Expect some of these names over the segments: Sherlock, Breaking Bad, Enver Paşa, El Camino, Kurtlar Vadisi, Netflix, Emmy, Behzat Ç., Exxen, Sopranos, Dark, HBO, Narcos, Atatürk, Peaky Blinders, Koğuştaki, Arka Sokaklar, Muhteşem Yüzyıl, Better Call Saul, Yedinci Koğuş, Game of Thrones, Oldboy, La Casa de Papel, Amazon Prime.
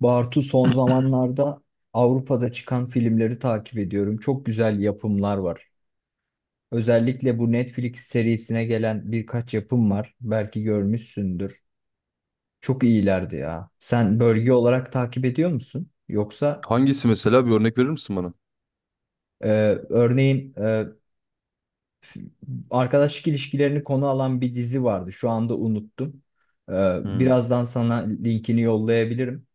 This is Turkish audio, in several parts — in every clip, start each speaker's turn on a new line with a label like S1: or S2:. S1: Bartu, son zamanlarda Avrupa'da çıkan filmleri takip ediyorum. Çok güzel yapımlar var. Özellikle bu Netflix serisine gelen birkaç yapım var. Belki görmüşsündür. Çok iyilerdi ya. Sen bölge olarak takip ediyor musun? Yoksa
S2: Hangisi mesela bir örnek verir misin bana?
S1: e, örneğin e, arkadaşlık ilişkilerini konu alan bir dizi vardı. Şu anda unuttum. E,
S2: Hmm.
S1: Birazdan sana linkini yollayabilirim.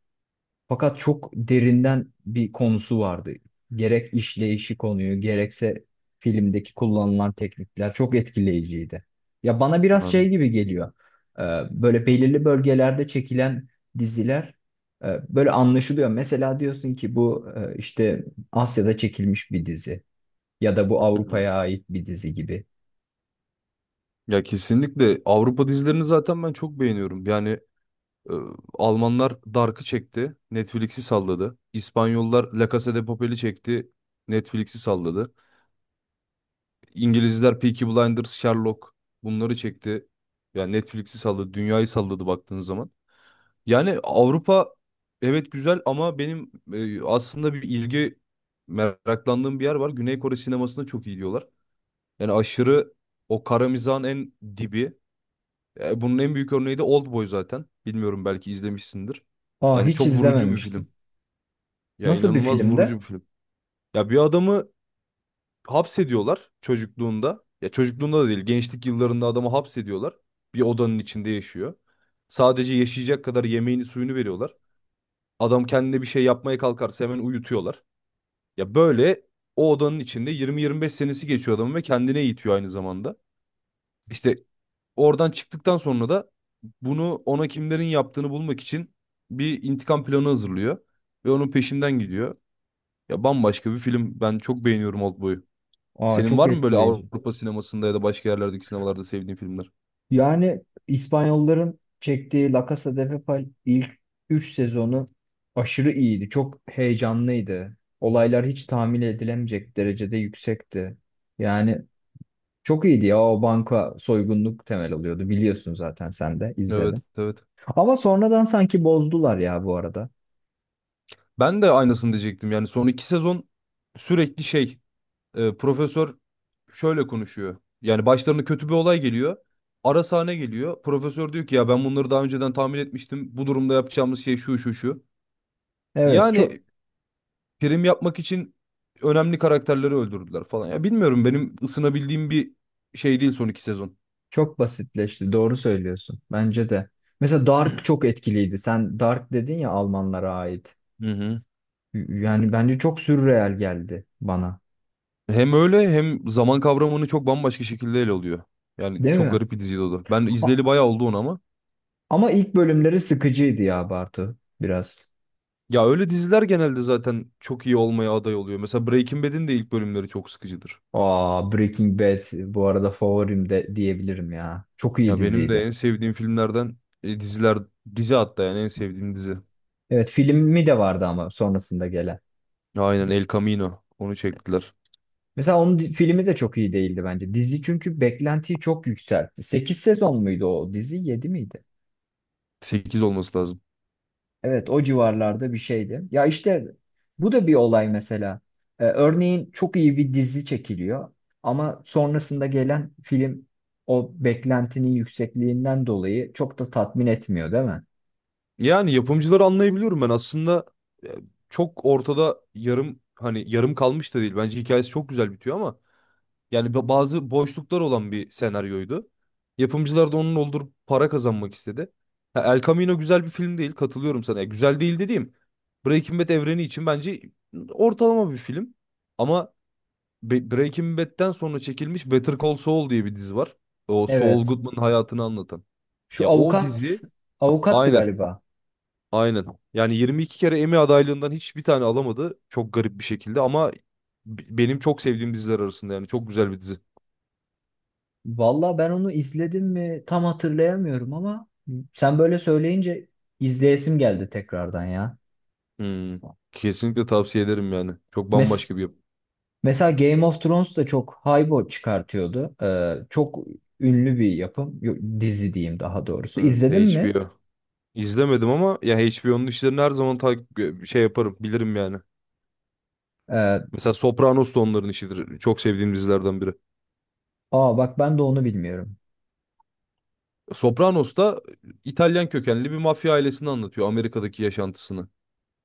S1: Fakat çok derinden bir konusu vardı. Gerek işleyişi konuyu, gerekse filmdeki kullanılan teknikler çok etkileyiciydi. Ya bana biraz şey
S2: Anladım.
S1: gibi geliyor. Ee, Böyle belirli bölgelerde çekilen diziler böyle anlaşılıyor. Mesela diyorsun ki bu işte Asya'da çekilmiş bir dizi ya da bu
S2: Hı hı.
S1: Avrupa'ya ait bir dizi gibi.
S2: Ya kesinlikle Avrupa dizilerini zaten ben çok beğeniyorum. Yani e, Almanlar Dark'ı çekti, Netflix'i salladı. İspanyollar La Casa de Papel'i çekti, Netflix'i salladı. İngilizler Peaky Blinders, Sherlock bunları çekti. Yani Netflix'i salladı, dünyayı salladı baktığın zaman. Yani Avrupa evet güzel ama benim aslında bir ilgi meraklandığım bir yer var. Güney Kore sinemasına çok iyi diyorlar. Yani aşırı o kara mizahın en dibi. Bunun en büyük örneği de Oldboy zaten. Bilmiyorum belki izlemişsindir.
S1: Aa,
S2: Yani
S1: hiç
S2: çok vurucu bir
S1: izlememiştim.
S2: film. Ya
S1: Nasıl bir
S2: inanılmaz vurucu
S1: filmde?
S2: bir film. Ya bir adamı hapsediyorlar çocukluğunda. Ya çocukluğunda da değil, gençlik yıllarında adamı hapsediyorlar. Bir odanın içinde yaşıyor. Sadece yaşayacak kadar yemeğini suyunu veriyorlar. Adam kendine bir şey yapmaya kalkarsa hemen uyutuyorlar. Ya böyle o odanın içinde 20-25 senesi geçiyor adamın ve kendine eğitiyor aynı zamanda. İşte oradan çıktıktan sonra da bunu ona kimlerin yaptığını bulmak için bir intikam planı hazırlıyor ve onun peşinden gidiyor. Ya bambaşka bir film. Ben çok beğeniyorum Oldboy'u.
S1: Aa,
S2: Senin
S1: çok
S2: var mı böyle
S1: etkileyici.
S2: Avrupa sinemasında ya da başka yerlerdeki sinemalarda sevdiğin filmler?
S1: Yani İspanyolların çektiği La Casa de Papel ilk 3 sezonu aşırı iyiydi. Çok heyecanlıydı. Olaylar hiç tahmin edilemeyecek derecede yüksekti. Yani çok iyiydi ya, o banka soygunluk temel alıyordu. Biliyorsun zaten sen de
S2: Evet,
S1: izledin.
S2: evet.
S1: Ama sonradan sanki bozdular ya bu arada.
S2: Ben de aynısını diyecektim. Yani son iki sezon sürekli profesör şöyle konuşuyor. Yani başlarına kötü bir olay geliyor. Ara sahne geliyor. Profesör diyor ki ya ben bunları daha önceden tahmin etmiştim. Bu durumda yapacağımız şey şu şu şu.
S1: Evet, çok
S2: Yani prim yapmak için önemli karakterleri öldürdüler falan. Ya bilmiyorum benim ısınabildiğim bir şey değil son iki sezon.
S1: çok basitleşti. Doğru söylüyorsun. Bence de. Mesela Dark çok etkiliydi. Sen Dark dedin ya, Almanlara ait.
S2: Hı hı.
S1: Yani bence çok sürreal geldi bana.
S2: Hem öyle hem zaman kavramını çok bambaşka şekilde ele alıyor. Yani
S1: Değil
S2: çok
S1: mi?
S2: garip bir diziydi o da. Ben izleyeli
S1: A-
S2: bayağı oldu onu ama.
S1: Ama ilk bölümleri sıkıcıydı ya Bartu, biraz.
S2: Ya öyle diziler genelde zaten çok iyi olmaya aday oluyor. Mesela Breaking Bad'in de ilk bölümleri çok sıkıcıdır.
S1: Aa, Breaking Bad bu arada favorim de diyebilirim ya. Çok iyi
S2: Ya benim de
S1: diziydi.
S2: en sevdiğim filmlerden diziler, dizi hatta yani en sevdiğim dizi.
S1: Evet, filmi de vardı ama sonrasında gelen.
S2: Aynen El Camino. Onu çektiler.
S1: Mesela onun filmi de çok iyi değildi bence. Dizi çünkü beklentiyi çok yükseltti. 8 sezon muydu o dizi? 7 miydi?
S2: 8 olması lazım.
S1: Evet, o civarlarda bir şeydi. Ya işte bu da bir olay mesela. Örneğin çok iyi bir dizi çekiliyor ama sonrasında gelen film o beklentinin yüksekliğinden dolayı çok da tatmin etmiyor, değil mi?
S2: Yani yapımcıları anlayabiliyorum ben aslında e, çok ortada yarım hani yarım kalmış da değil. Bence hikayesi çok güzel bitiyor ama yani bazı boşluklar olan bir senaryoydu. Yapımcılar da onun doldurup para kazanmak istedi. Ha, El Camino güzel bir film değil, katılıyorum sana. Ya güzel değil dediğim, Breaking Bad evreni için bence ortalama bir film. Ama Breaking Bad'den sonra çekilmiş Better Call Saul diye bir dizi var. O Saul
S1: Evet.
S2: Goodman'ın hayatını anlatan.
S1: Şu
S2: Ya o
S1: avukat,
S2: dizi
S1: avukattı
S2: aynen.
S1: galiba.
S2: Aynen. Yani 22 kere Emmy adaylığından hiçbir tane alamadı. Çok garip bir şekilde ama benim çok sevdiğim diziler arasında, yani çok güzel bir dizi.
S1: Valla ben onu izledim mi tam hatırlayamıyorum ama sen böyle söyleyince izleyesim geldi tekrardan ya.
S2: Hmm. Kesinlikle tavsiye ederim yani. Çok
S1: Mes
S2: bambaşka bir yapı.
S1: Mesela Game of Thrones da çok haybo çıkartıyordu. Çok ünlü bir yapım. Dizi diyeyim daha doğrusu.
S2: Evet,
S1: İzledin mi?
S2: HBO. İzlemedim ama ya HBO'nun işlerini her zaman takip şey yaparım, bilirim yani.
S1: Ee,
S2: Mesela Sopranos da onların işidir. Çok sevdiğim dizilerden biri.
S1: Aa bak, ben de onu bilmiyorum.
S2: Sopranos da İtalyan kökenli bir mafya ailesini anlatıyor, Amerika'daki yaşantısını.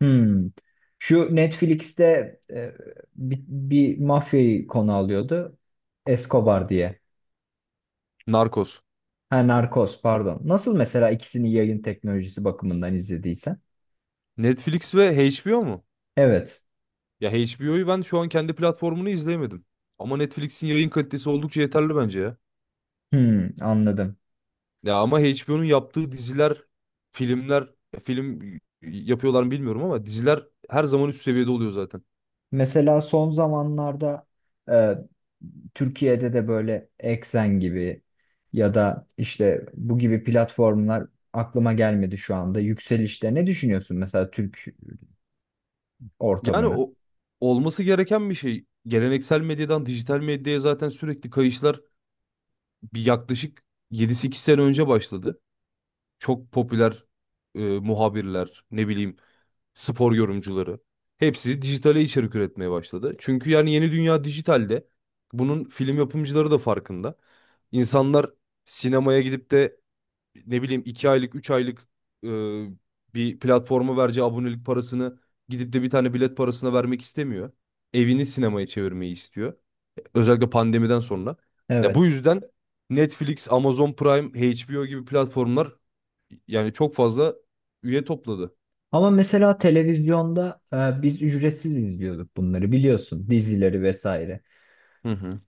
S1: Hmm. Şu Netflix'te, e, bir mafyayı konu alıyordu. Escobar diye.
S2: Narcos.
S1: Ha, Narcos pardon. Nasıl mesela ikisini yayın teknolojisi bakımından izlediysen?
S2: Netflix ve HBO mu?
S1: Evet.
S2: Ya HBO'yu ben şu an kendi platformunu izleyemedim. Ama Netflix'in yayın kalitesi oldukça yeterli bence ya.
S1: Hmm, anladım.
S2: Ya ama HBO'nun yaptığı diziler, filmler, ya film yapıyorlar mı bilmiyorum ama diziler her zaman üst seviyede oluyor zaten.
S1: Mesela son zamanlarda e, Türkiye'de de böyle Exxen gibi ya da işte bu gibi platformlar aklıma gelmedi şu anda. Yükselişte ne düşünüyorsun mesela Türk
S2: Yani
S1: ortamını?
S2: o olması gereken bir şey. Geleneksel medyadan dijital medyaya zaten sürekli kayışlar bir yaklaşık yedi sekiz sene önce başladı. Çok popüler muhabirler, ne bileyim spor yorumcuları. Hepsi dijitale içerik üretmeye başladı. Çünkü yani yeni dünya dijitalde. Bunun film yapımcıları da farkında. İnsanlar sinemaya gidip de ne bileyim 2 aylık 3 aylık e, bir platforma vereceği abonelik parasını gidip de bir tane bilet parasına vermek istemiyor. Evini sinemaya çevirmeyi istiyor. Özellikle pandemiden sonra. Ya bu
S1: Evet.
S2: yüzden Netflix, Amazon Prime, HBO gibi platformlar yani çok fazla üye topladı.
S1: Ama mesela televizyonda biz ücretsiz izliyorduk bunları, biliyorsun, dizileri vesaire.
S2: Hı hı,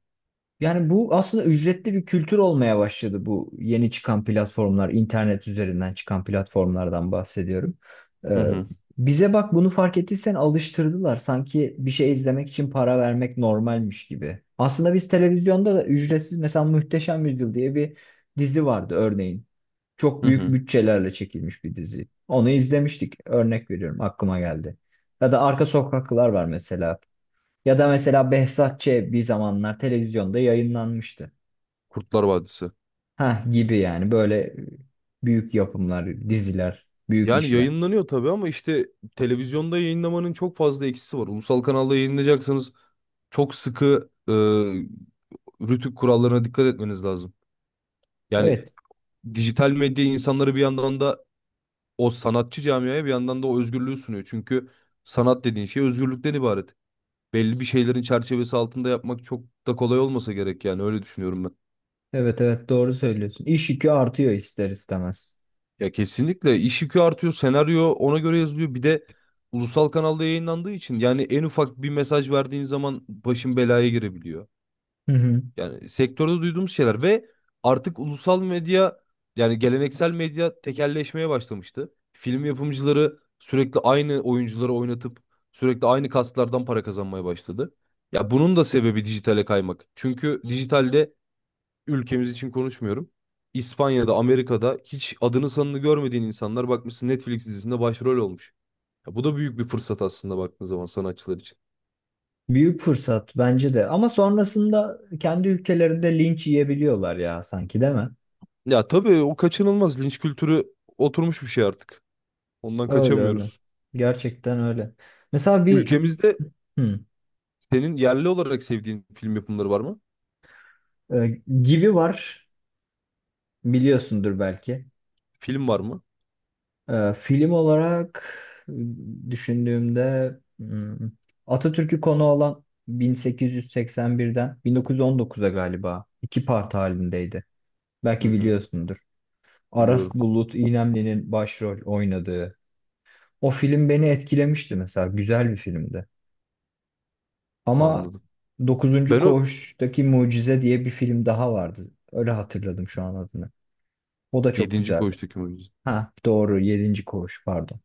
S1: Yani bu aslında ücretli bir kültür olmaya başladı, bu yeni çıkan platformlar, internet üzerinden çıkan platformlardan bahsediyorum.
S2: hı
S1: Ee,
S2: hı,
S1: Bize bak, bunu fark ettiysen alıştırdılar. Sanki bir şey izlemek için para vermek normalmiş gibi. Aslında biz televizyonda da ücretsiz, mesela Muhteşem Yüzyıl diye bir dizi vardı örneğin. Çok
S2: hı
S1: büyük
S2: hı.
S1: bütçelerle çekilmiş bir dizi. Onu izlemiştik. Örnek veriyorum, aklıma geldi. Ya da Arka Sokaklar var mesela. Ya da mesela Behzat Ç. bir zamanlar televizyonda yayınlanmıştı.
S2: Kurtlar Vadisi.
S1: Ha, gibi yani böyle büyük yapımlar, diziler, büyük
S2: Yani
S1: işler.
S2: yayınlanıyor tabii ama işte televizyonda yayınlamanın çok fazla eksisi var. Ulusal kanalda yayınlayacaksanız çok sıkı rütük kurallarına dikkat etmeniz lazım. Yani
S1: Evet,
S2: dijital medya insanları bir yandan da o sanatçı camiaya bir yandan da o özgürlüğü sunuyor. Çünkü sanat dediğin şey özgürlükten ibaret. Belli bir şeylerin çerçevesi altında yapmak çok da kolay olmasa gerek, yani öyle düşünüyorum ben.
S1: evet, evet doğru söylüyorsun. İş yükü artıyor ister istemez.
S2: Ya kesinlikle iş yükü artıyor, senaryo ona göre yazılıyor. Bir de ulusal kanalda yayınlandığı için yani en ufak bir mesaj verdiğin zaman başın belaya girebiliyor.
S1: Hı hı.
S2: Yani sektörde duyduğumuz şeyler ve artık ulusal medya, yani geleneksel medya tekelleşmeye başlamıştı. Film yapımcıları sürekli aynı oyuncuları oynatıp sürekli aynı kaslardan para kazanmaya başladı. Ya bunun da sebebi dijitale kaymak. Çünkü dijitalde, ülkemiz için konuşmuyorum, İspanya'da, Amerika'da hiç adını sanını görmediğin insanlar bakmışsın Netflix dizisinde başrol olmuş. Ya bu da büyük bir fırsat aslında baktığın zaman sanatçılar için.
S1: Büyük fırsat bence de. Ama sonrasında kendi ülkelerinde linç yiyebiliyorlar ya sanki, değil mi?
S2: Ya tabii o kaçınılmaz linç kültürü oturmuş bir şey artık. Ondan
S1: Öyle öyle.
S2: kaçamıyoruz.
S1: Gerçekten öyle. Mesela bir
S2: Ülkemizde
S1: hı,
S2: senin yerli olarak sevdiğin film yapımları var mı?
S1: e, gibi var, biliyorsundur belki.
S2: Film var mı?
S1: Film olarak düşündüğümde hmm, Atatürk'ü konu alan 1881'den 1919'a galiba iki part halindeydi.
S2: Hı
S1: Belki
S2: hı.
S1: biliyorsundur. Aras
S2: Biliyorum.
S1: Bulut İynemli'nin başrol oynadığı. O film beni etkilemişti mesela. Güzel bir filmdi. Ama
S2: Anladım.
S1: Dokuzuncu
S2: Ben o
S1: Koğuş'taki Mucize diye bir film daha vardı. Öyle hatırladım şu an adını. O da çok
S2: yedinci
S1: güzeldi.
S2: Koğuştaki mu?
S1: Ha doğru, Yedinci Koğuş pardon.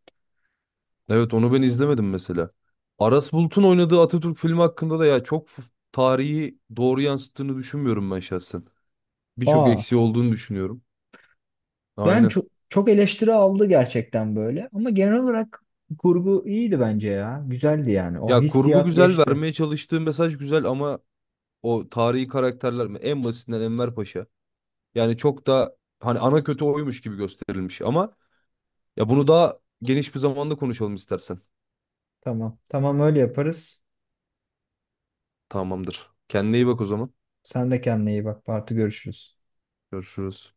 S2: Evet, onu ben izlemedim mesela. Aras Bulut'un oynadığı Atatürk filmi hakkında da ya çok tarihi doğru yansıttığını düşünmüyorum ben şahsen. Birçok
S1: Aa.
S2: eksiği olduğunu düşünüyorum.
S1: Yani
S2: Aynen.
S1: çok çok eleştiri aldı gerçekten böyle. Ama genel olarak kurgu iyiydi bence ya. Güzeldi yani. O
S2: Ya kurgu
S1: hissiyat
S2: güzel,
S1: geçti.
S2: vermeye çalıştığı mesaj güzel ama o tarihi karakterler mi? En basitinden Enver Paşa. Yani çok da hani ana kötü oymuş gibi gösterilmiş ama ya bunu daha geniş bir zamanda konuşalım istersen.
S1: Tamam. Tamam, öyle yaparız.
S2: Tamamdır. Kendine iyi bak o zaman.
S1: Sen de kendine iyi bak. Parti görüşürüz.
S2: Görüşürüz.